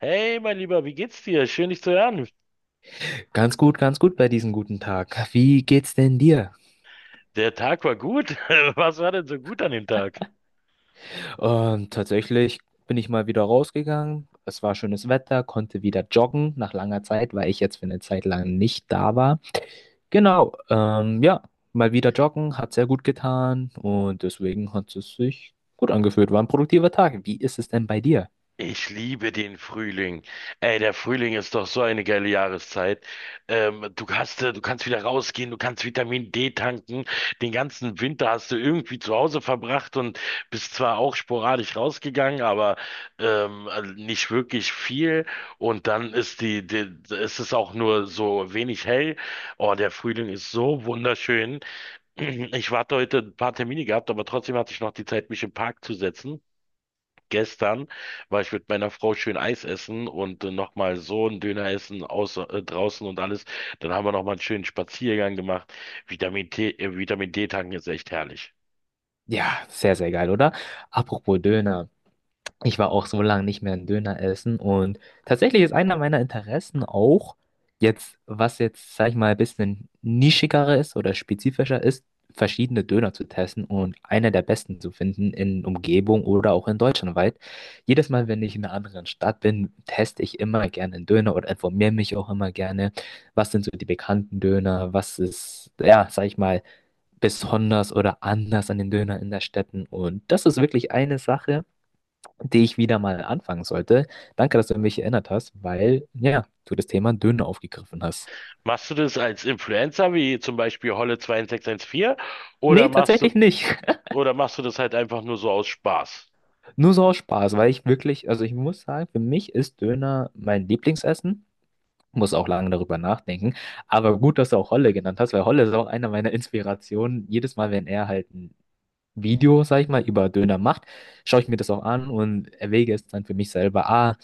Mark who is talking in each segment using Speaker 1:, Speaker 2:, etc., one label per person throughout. Speaker 1: Hey, mein Lieber, wie geht's dir? Schön, dich zu hören.
Speaker 2: Ganz gut bei diesem guten Tag. Wie geht's denn dir?
Speaker 1: Der Tag war gut. Was war denn so gut an dem Tag?
Speaker 2: Tatsächlich bin ich mal wieder rausgegangen. Es war schönes Wetter, konnte wieder joggen nach langer Zeit, weil ich jetzt für eine Zeit lang nicht da war. Genau, ja, mal wieder joggen, hat sehr gut getan und deswegen hat es sich gut angefühlt. War ein produktiver Tag. Wie ist es denn bei dir?
Speaker 1: Ich liebe den Frühling. Ey, der Frühling ist doch so eine geile Jahreszeit. Du kannst wieder rausgehen, du kannst Vitamin D tanken. Den ganzen Winter hast du irgendwie zu Hause verbracht und bist zwar auch sporadisch rausgegangen, aber also nicht wirklich viel. Und dann ist ist es auch nur so wenig hell. Oh, der Frühling ist so wunderschön. Ich warte heute ein paar Termine gehabt, aber trotzdem hatte ich noch die Zeit, mich im Park zu setzen. Gestern war ich mit meiner Frau schön Eis essen und nochmal so einen Döner essen aus, draußen und alles. Dann haben wir nochmal einen schönen Spaziergang gemacht. Vitamin D tanken ist echt herrlich.
Speaker 2: Ja, sehr, sehr geil, oder? Apropos Döner. Ich war auch so lange nicht mehr einen Döner essen und tatsächlich ist einer meiner Interessen auch jetzt, was jetzt, sag ich mal, ein bisschen nischiger ist oder spezifischer ist, verschiedene Döner zu testen und einer der besten zu finden in Umgebung oder auch in Deutschland weit. Jedes Mal, wenn ich in einer anderen Stadt bin, teste ich immer gerne einen Döner oder informiere mich auch immer gerne, was sind so die bekannten Döner, was ist, ja, sag ich mal, besonders oder anders an den Döner in der Städten und das ist wirklich eine Sache die ich wieder mal anfangen sollte. Danke, dass du mich erinnert hast, weil, ja, du das Thema Döner aufgegriffen hast.
Speaker 1: Machst du das als Influencer, wie zum Beispiel Holle 2614, oder
Speaker 2: Nee,
Speaker 1: machst du,
Speaker 2: tatsächlich nicht.
Speaker 1: oder machst du das halt einfach nur so aus Spaß?
Speaker 2: Nur so aus Spaß, weil ich wirklich, also ich muss sagen, für mich ist Döner mein Lieblingsessen. Muss auch lange darüber nachdenken. Aber gut, dass du auch Holle genannt hast, weil Holle ist auch einer meiner Inspirationen. Jedes Mal, wenn er halt ein Video, sag ich mal, über Döner macht, schaue ich mir das auch an und erwäge es dann für mich selber. Ah,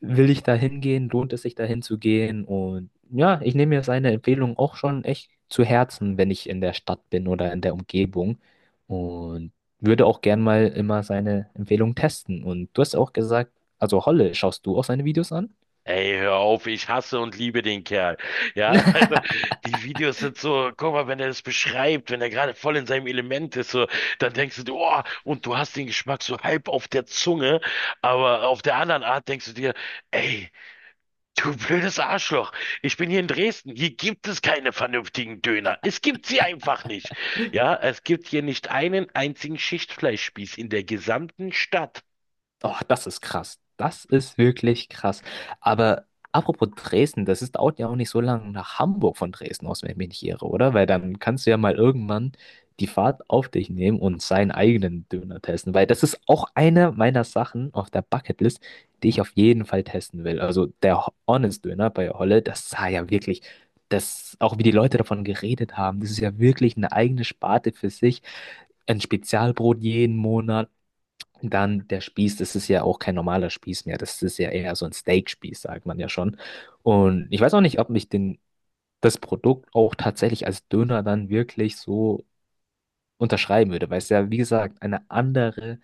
Speaker 2: will ich da hingehen, lohnt es sich dahin zu gehen? Und ja, ich nehme mir seine Empfehlung auch schon echt zu Herzen, wenn ich in der Stadt bin oder in der Umgebung. Und würde auch gern mal immer seine Empfehlung testen. Und du hast auch gesagt, also Holle, schaust du auch seine Videos an?
Speaker 1: Ey, hör auf, ich hasse und liebe den Kerl. Ja, also die Videos sind so, guck mal, wenn er das beschreibt, wenn er gerade voll in seinem Element ist, so, dann denkst du, oh, und du hast den Geschmack so halb auf der Zunge, aber auf der anderen Art denkst du dir, ey, du blödes Arschloch, ich bin hier in Dresden, hier gibt es keine vernünftigen Döner. Es gibt sie einfach nicht. Ja, es gibt hier nicht einen einzigen Schichtfleischspieß in der gesamten Stadt.
Speaker 2: Oh, das ist krass. Das ist wirklich krass. Aber apropos Dresden, das ist, dauert ja auch nicht so lange nach Hamburg von Dresden aus, wenn ich mich nicht irre, oder? Weil dann kannst du ja mal irgendwann die Fahrt auf dich nehmen und seinen eigenen Döner testen. Weil das ist auch eine meiner Sachen auf der Bucketlist, die ich auf jeden Fall testen will. Also der Honest Döner bei Holle, das sah ja wirklich, das, auch wie die Leute davon geredet haben, das ist ja wirklich eine eigene Sparte für sich, ein Spezialbrot jeden Monat, dann der Spieß, das ist ja auch kein normaler Spieß mehr. Das ist ja eher so ein Steakspieß, sagt man ja schon. Und ich weiß auch nicht, ob ich den, das Produkt auch tatsächlich als Döner dann wirklich so unterschreiben würde, weil es ja, wie gesagt, eine andere,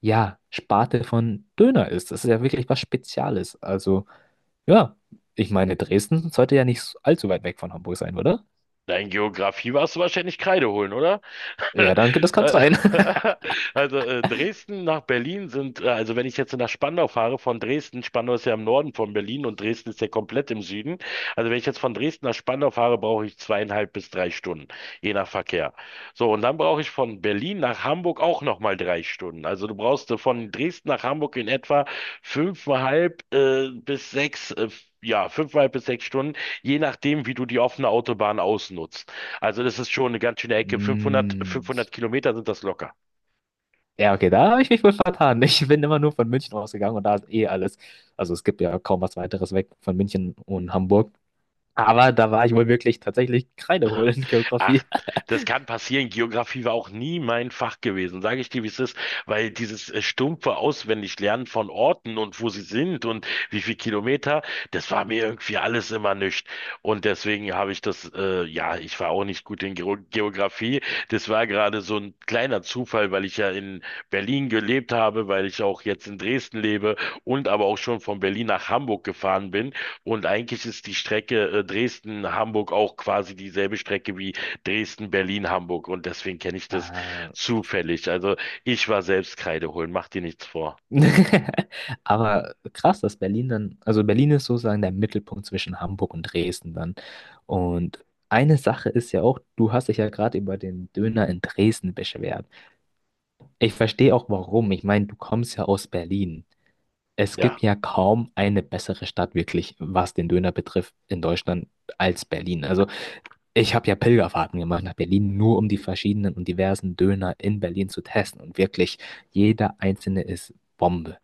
Speaker 2: ja, Sparte von Döner ist. Das ist ja wirklich was Spezielles. Also, ja, ich meine, Dresden sollte ja nicht allzu weit weg von Hamburg sein, oder?
Speaker 1: Dein Geografie warst du wahrscheinlich Kreide holen, oder?
Speaker 2: Ja, danke, das kann sein.
Speaker 1: Also Dresden nach Berlin also wenn ich jetzt nach Spandau fahre, von Dresden. Spandau ist ja im Norden von Berlin und Dresden ist ja komplett im Süden. Also wenn ich jetzt von Dresden nach Spandau fahre, brauche ich 2,5 bis 3 Stunden, je nach Verkehr. So, und dann brauche ich von Berlin nach Hamburg auch nochmal 3 Stunden. Also du brauchst von Dresden nach Hamburg in etwa fünfeinhalb äh, bis sechs, äh, ja, 5,5 bis 6 Stunden, je nachdem, wie du die offene Autobahn ausnutzt. Also das ist schon eine ganz schöne Ecke. 500,
Speaker 2: Mm.
Speaker 1: 500 Kilometer sind das locker.
Speaker 2: Ja, okay, da habe ich mich wohl vertan. Ich bin immer nur von München ausgegangen und da ist eh alles. Also es gibt ja kaum was weiteres weg von München und Hamburg. Aber da war ich wohl wirklich tatsächlich Kreide in
Speaker 1: Ach,
Speaker 2: Geografie.
Speaker 1: das kann passieren. Geografie war auch nie mein Fach gewesen, sage ich dir, wie es ist, weil dieses stumpfe Auswendiglernen von Orten und wo sie sind und wie viel Kilometer, das war mir irgendwie alles immer nichts. Und deswegen habe ich das, ich war auch nicht gut in Geografie. Das war gerade so ein kleiner Zufall, weil ich ja in Berlin gelebt habe, weil ich auch jetzt in Dresden lebe und aber auch schon von Berlin nach Hamburg gefahren bin. Und eigentlich ist die Strecke, Dresden-Hamburg auch quasi dieselbe Strecke wie Dresden, Berlin, Hamburg, und deswegen kenne ich das
Speaker 2: Äh,
Speaker 1: zufällig. Also ich war selbst Kreide holen, mach dir nichts vor.
Speaker 2: Aber krass, dass Berlin dann, also Berlin ist sozusagen der Mittelpunkt zwischen Hamburg und Dresden dann. Und eine Sache ist ja auch, du hast dich ja gerade über den Döner in Dresden beschwert. Ich verstehe auch warum. Ich meine, du kommst ja aus Berlin. Es gibt
Speaker 1: Ja.
Speaker 2: ja kaum eine bessere Stadt wirklich, was den Döner betrifft, in Deutschland als Berlin. Also ich habe ja Pilgerfahrten gemacht nach Berlin, nur um die verschiedenen und diversen Döner in Berlin zu testen. Und wirklich, jeder einzelne ist Bombe,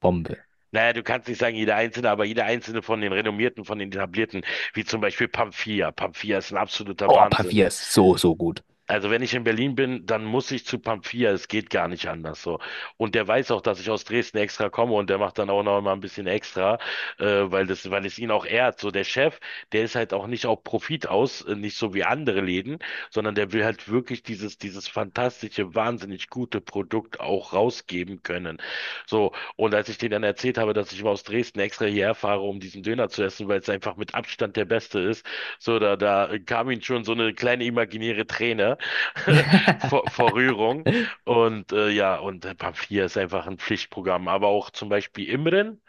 Speaker 2: Bombe.
Speaker 1: Naja, du kannst nicht sagen jeder einzelne, aber jeder einzelne von den renommierten, von den etablierten, wie zum Beispiel Pamphia. Pamphia ist ein absoluter
Speaker 2: Oh,
Speaker 1: Wahnsinn.
Speaker 2: Paviers, so, so gut.
Speaker 1: Also wenn ich in Berlin bin, dann muss ich zu Pamphilia. Es geht gar nicht anders so. Und der weiß auch, dass ich aus Dresden extra komme und der macht dann auch noch mal ein bisschen extra, äh, weil es ihn auch ehrt. So der Chef, der ist halt auch nicht auf Profit aus, nicht so wie andere Läden, sondern der will halt wirklich dieses fantastische, wahnsinnig gute Produkt auch rausgeben können. So. Und als ich denen dann erzählt habe, dass ich immer aus Dresden extra hierher fahre, um diesen Döner zu essen, weil es einfach mit Abstand der beste ist, so da, da kam ihm schon so eine kleine imaginäre Träne. vor, vor Rührung. Und Pamphilia ist einfach ein Pflichtprogramm. Aber auch zum Beispiel Imren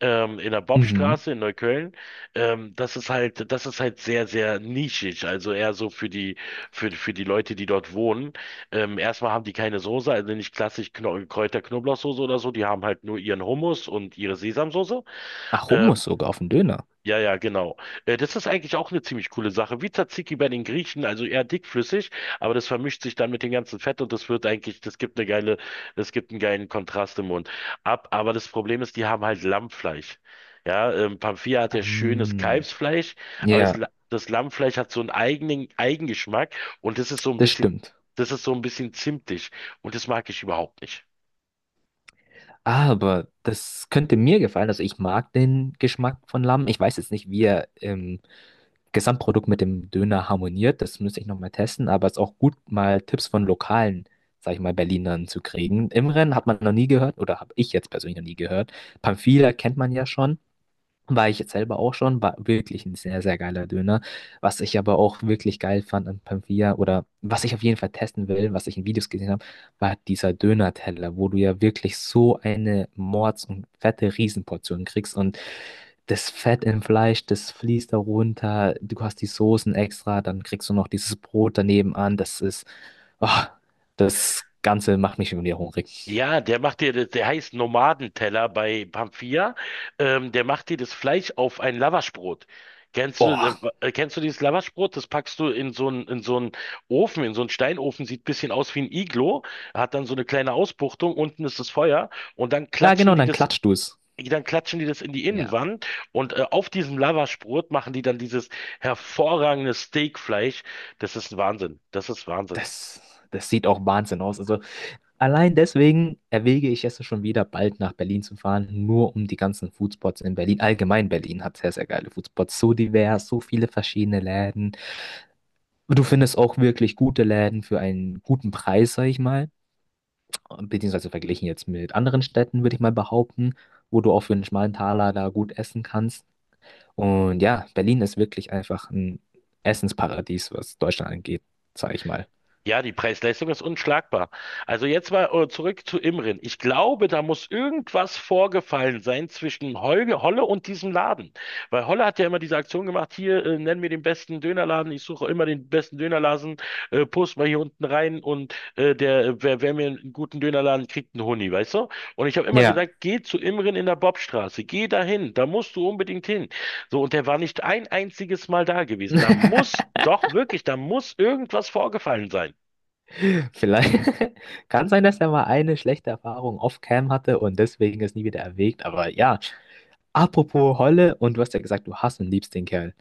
Speaker 1: in der
Speaker 2: Mhm.
Speaker 1: Bobstraße in Neukölln. Das ist halt sehr, sehr nischig. Also eher so für die Leute, die dort wohnen. Erstmal haben die keine Soße, also nicht klassisch Kno Kräuter-Knoblauchsoße oder so. Die haben halt nur ihren Hummus und ihre Sesamsoße.
Speaker 2: Ach,
Speaker 1: Ähm,
Speaker 2: Hummus sogar auf dem Döner.
Speaker 1: ja, ja, genau. Das ist eigentlich auch eine ziemlich coole Sache. Wie Tzatziki bei den Griechen, also eher dickflüssig, aber das vermischt sich dann mit dem ganzen Fett und das gibt einen geilen Kontrast im Mund ab. Aber das Problem ist, die haben halt Lammfleisch. Ja, Pamphia hat ja schönes
Speaker 2: Ähm,
Speaker 1: Kalbsfleisch, aber
Speaker 2: ja,
Speaker 1: Das Lammfleisch hat so einen eigenen Eigengeschmack und
Speaker 2: das stimmt.
Speaker 1: das ist so ein bisschen zimtig und das mag ich überhaupt nicht.
Speaker 2: Aber das könnte mir gefallen. Also ich mag den Geschmack von Lamm. Ich weiß jetzt nicht, wie er im Gesamtprodukt mit dem Döner harmoniert. Das müsste ich nochmal testen. Aber es ist auch gut, mal Tipps von lokalen, sag ich mal, Berlinern zu kriegen. Imren hat man noch nie gehört oder habe ich jetzt persönlich noch nie gehört. Pamphila kennt man ja schon. War ich jetzt selber auch schon, war wirklich ein sehr, sehr geiler Döner. Was ich aber auch wirklich geil fand an Pampia oder was ich auf jeden Fall testen will, was ich in Videos gesehen habe, war dieser Döner-Teller, wo du ja wirklich so eine Mords- und fette Riesenportion kriegst und das Fett im Fleisch, das fließt da runter, du hast die Soßen extra, dann kriegst du noch dieses Brot daneben an, das ist, oh, das Ganze macht mich schon wieder hungrig.
Speaker 1: Ja, der macht dir das, der heißt Nomadenteller bei Pamphia. Der macht dir das Fleisch auf ein Lavaschbrot. Kennst du,
Speaker 2: Oh,
Speaker 1: Kennst du dieses Lavaschbrot? Das packst du in so einen Ofen, in so einen Steinofen, sieht ein bisschen aus wie ein Iglo, hat dann so eine kleine Ausbuchtung, unten ist das Feuer und
Speaker 2: ja genau, und dann klatscht du es.
Speaker 1: dann klatschen die das in die
Speaker 2: Ja,
Speaker 1: Innenwand und auf diesem Lavaschbrot machen die dann dieses hervorragende Steakfleisch. Das ist Wahnsinn. Das ist Wahnsinn.
Speaker 2: das, das sieht auch Wahnsinn aus. Also allein deswegen erwäge ich es schon wieder, bald nach Berlin zu fahren, nur um die ganzen Foodspots in Berlin. Allgemein Berlin hat sehr, sehr geile Foodspots, so divers, so viele verschiedene Läden. Du findest auch wirklich gute Läden für einen guten Preis, sag ich mal. Beziehungsweise verglichen jetzt mit anderen Städten, würde ich mal behaupten, wo du auch für einen schmalen Taler da gut essen kannst. Und ja, Berlin ist wirklich einfach ein Essensparadies, was Deutschland angeht, sag ich mal.
Speaker 1: Ja, die Preis-Leistung ist unschlagbar. Also jetzt mal zurück zu Imrin. Ich glaube, da muss irgendwas vorgefallen sein zwischen Holle und diesem Laden. Weil Holle hat ja immer diese Aktion gemacht, hier, nenn mir den besten Dönerladen, ich suche immer den besten Dönerladen, post mal hier unten rein und der, wer, wer mir einen guten Dönerladen kriegt, einen Huni, weißt du? Und ich habe immer
Speaker 2: Ja.
Speaker 1: gesagt, geh zu Imrin in der Bobstraße, geh dahin, da musst du unbedingt hin. So, und der war nicht ein einziges Mal da gewesen. Da muss, doch wirklich, da muss irgendwas vorgefallen sein.
Speaker 2: Vielleicht kann sein, dass er mal eine schlechte Erfahrung off-cam hatte und deswegen es nie wieder erwägt. Aber ja, apropos Holle, und du hast ja gesagt, du hast und liebst den Kerl.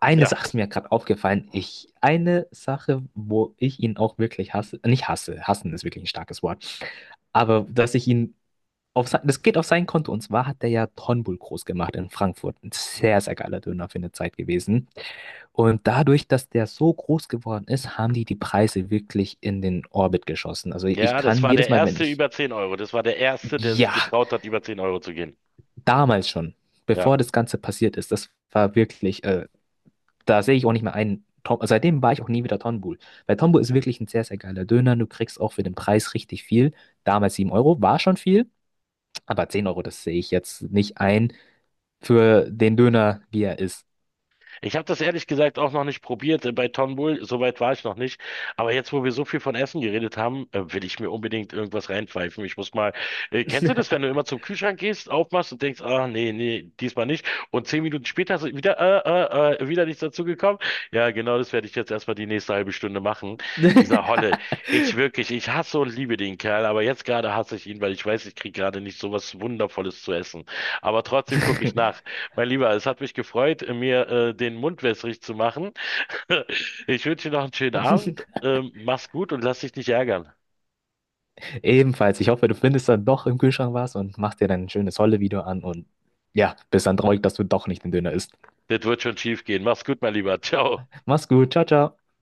Speaker 2: Eine
Speaker 1: Ja,
Speaker 2: Sache ist mir gerade aufgefallen. Ich, eine Sache, wo ich ihn auch wirklich hasse, nicht hasse, hassen ist wirklich ein starkes Wort, aber dass ich ihn auf sein, das geht auf sein Konto. Und zwar hat er ja Tonbul groß gemacht in Frankfurt. Ein sehr, sehr geiler Döner für eine Zeit gewesen. Und dadurch, dass der so groß geworden ist, haben die die Preise wirklich in den Orbit geschossen. Also ich
Speaker 1: ja, das
Speaker 2: kann
Speaker 1: war
Speaker 2: jedes
Speaker 1: der
Speaker 2: Mal, wenn
Speaker 1: erste
Speaker 2: ich,
Speaker 1: über 10 Euro. Das war der erste, der sich
Speaker 2: ja,
Speaker 1: getraut hat, über 10 Euro zu gehen.
Speaker 2: damals schon,
Speaker 1: Ja.
Speaker 2: bevor das Ganze passiert ist, das war wirklich, da sehe ich auch nicht mehr ein. Tom, also seitdem war ich auch nie wieder Tonbul. Weil Tonbul ist wirklich ein sehr, sehr geiler Döner. Du kriegst auch für den Preis richtig viel. Damals 7 Euro war schon viel, aber 10 Euro, das sehe ich jetzt nicht ein für den Döner, wie er ist.
Speaker 1: Ich habe das ehrlich gesagt auch noch nicht probiert bei Tom Bull, soweit war ich noch nicht. Aber jetzt, wo wir so viel von Essen geredet haben, will ich mir unbedingt irgendwas reinpfeifen. Kennst du das, wenn du immer zum Kühlschrank gehst, aufmachst und denkst, ah nee, nee, diesmal nicht. Und 10 Minuten später ist wieder nichts dazu gekommen. Ja, genau, das werde ich jetzt erstmal die nächste halbe Stunde machen. Dieser Holle, ich hasse und liebe den Kerl, aber jetzt gerade hasse ich ihn, weil ich weiß, ich kriege gerade nicht so was Wundervolles zu essen. Aber trotzdem gucke ich nach. Mein Lieber, es hat mich gefreut, mir den Mund wässrig zu machen. Ich wünsche dir noch einen schönen Abend. Mach's gut und lass dich nicht ärgern.
Speaker 2: Ebenfalls, ich hoffe, du findest dann doch im Kühlschrank was und machst dir dann ein schönes Holle-Video an und ja, bist dann traurig, dass du doch nicht den Döner isst.
Speaker 1: Das wird schon schief gehen. Mach's gut, mein Lieber. Ciao.
Speaker 2: Mach's gut, ciao, ciao.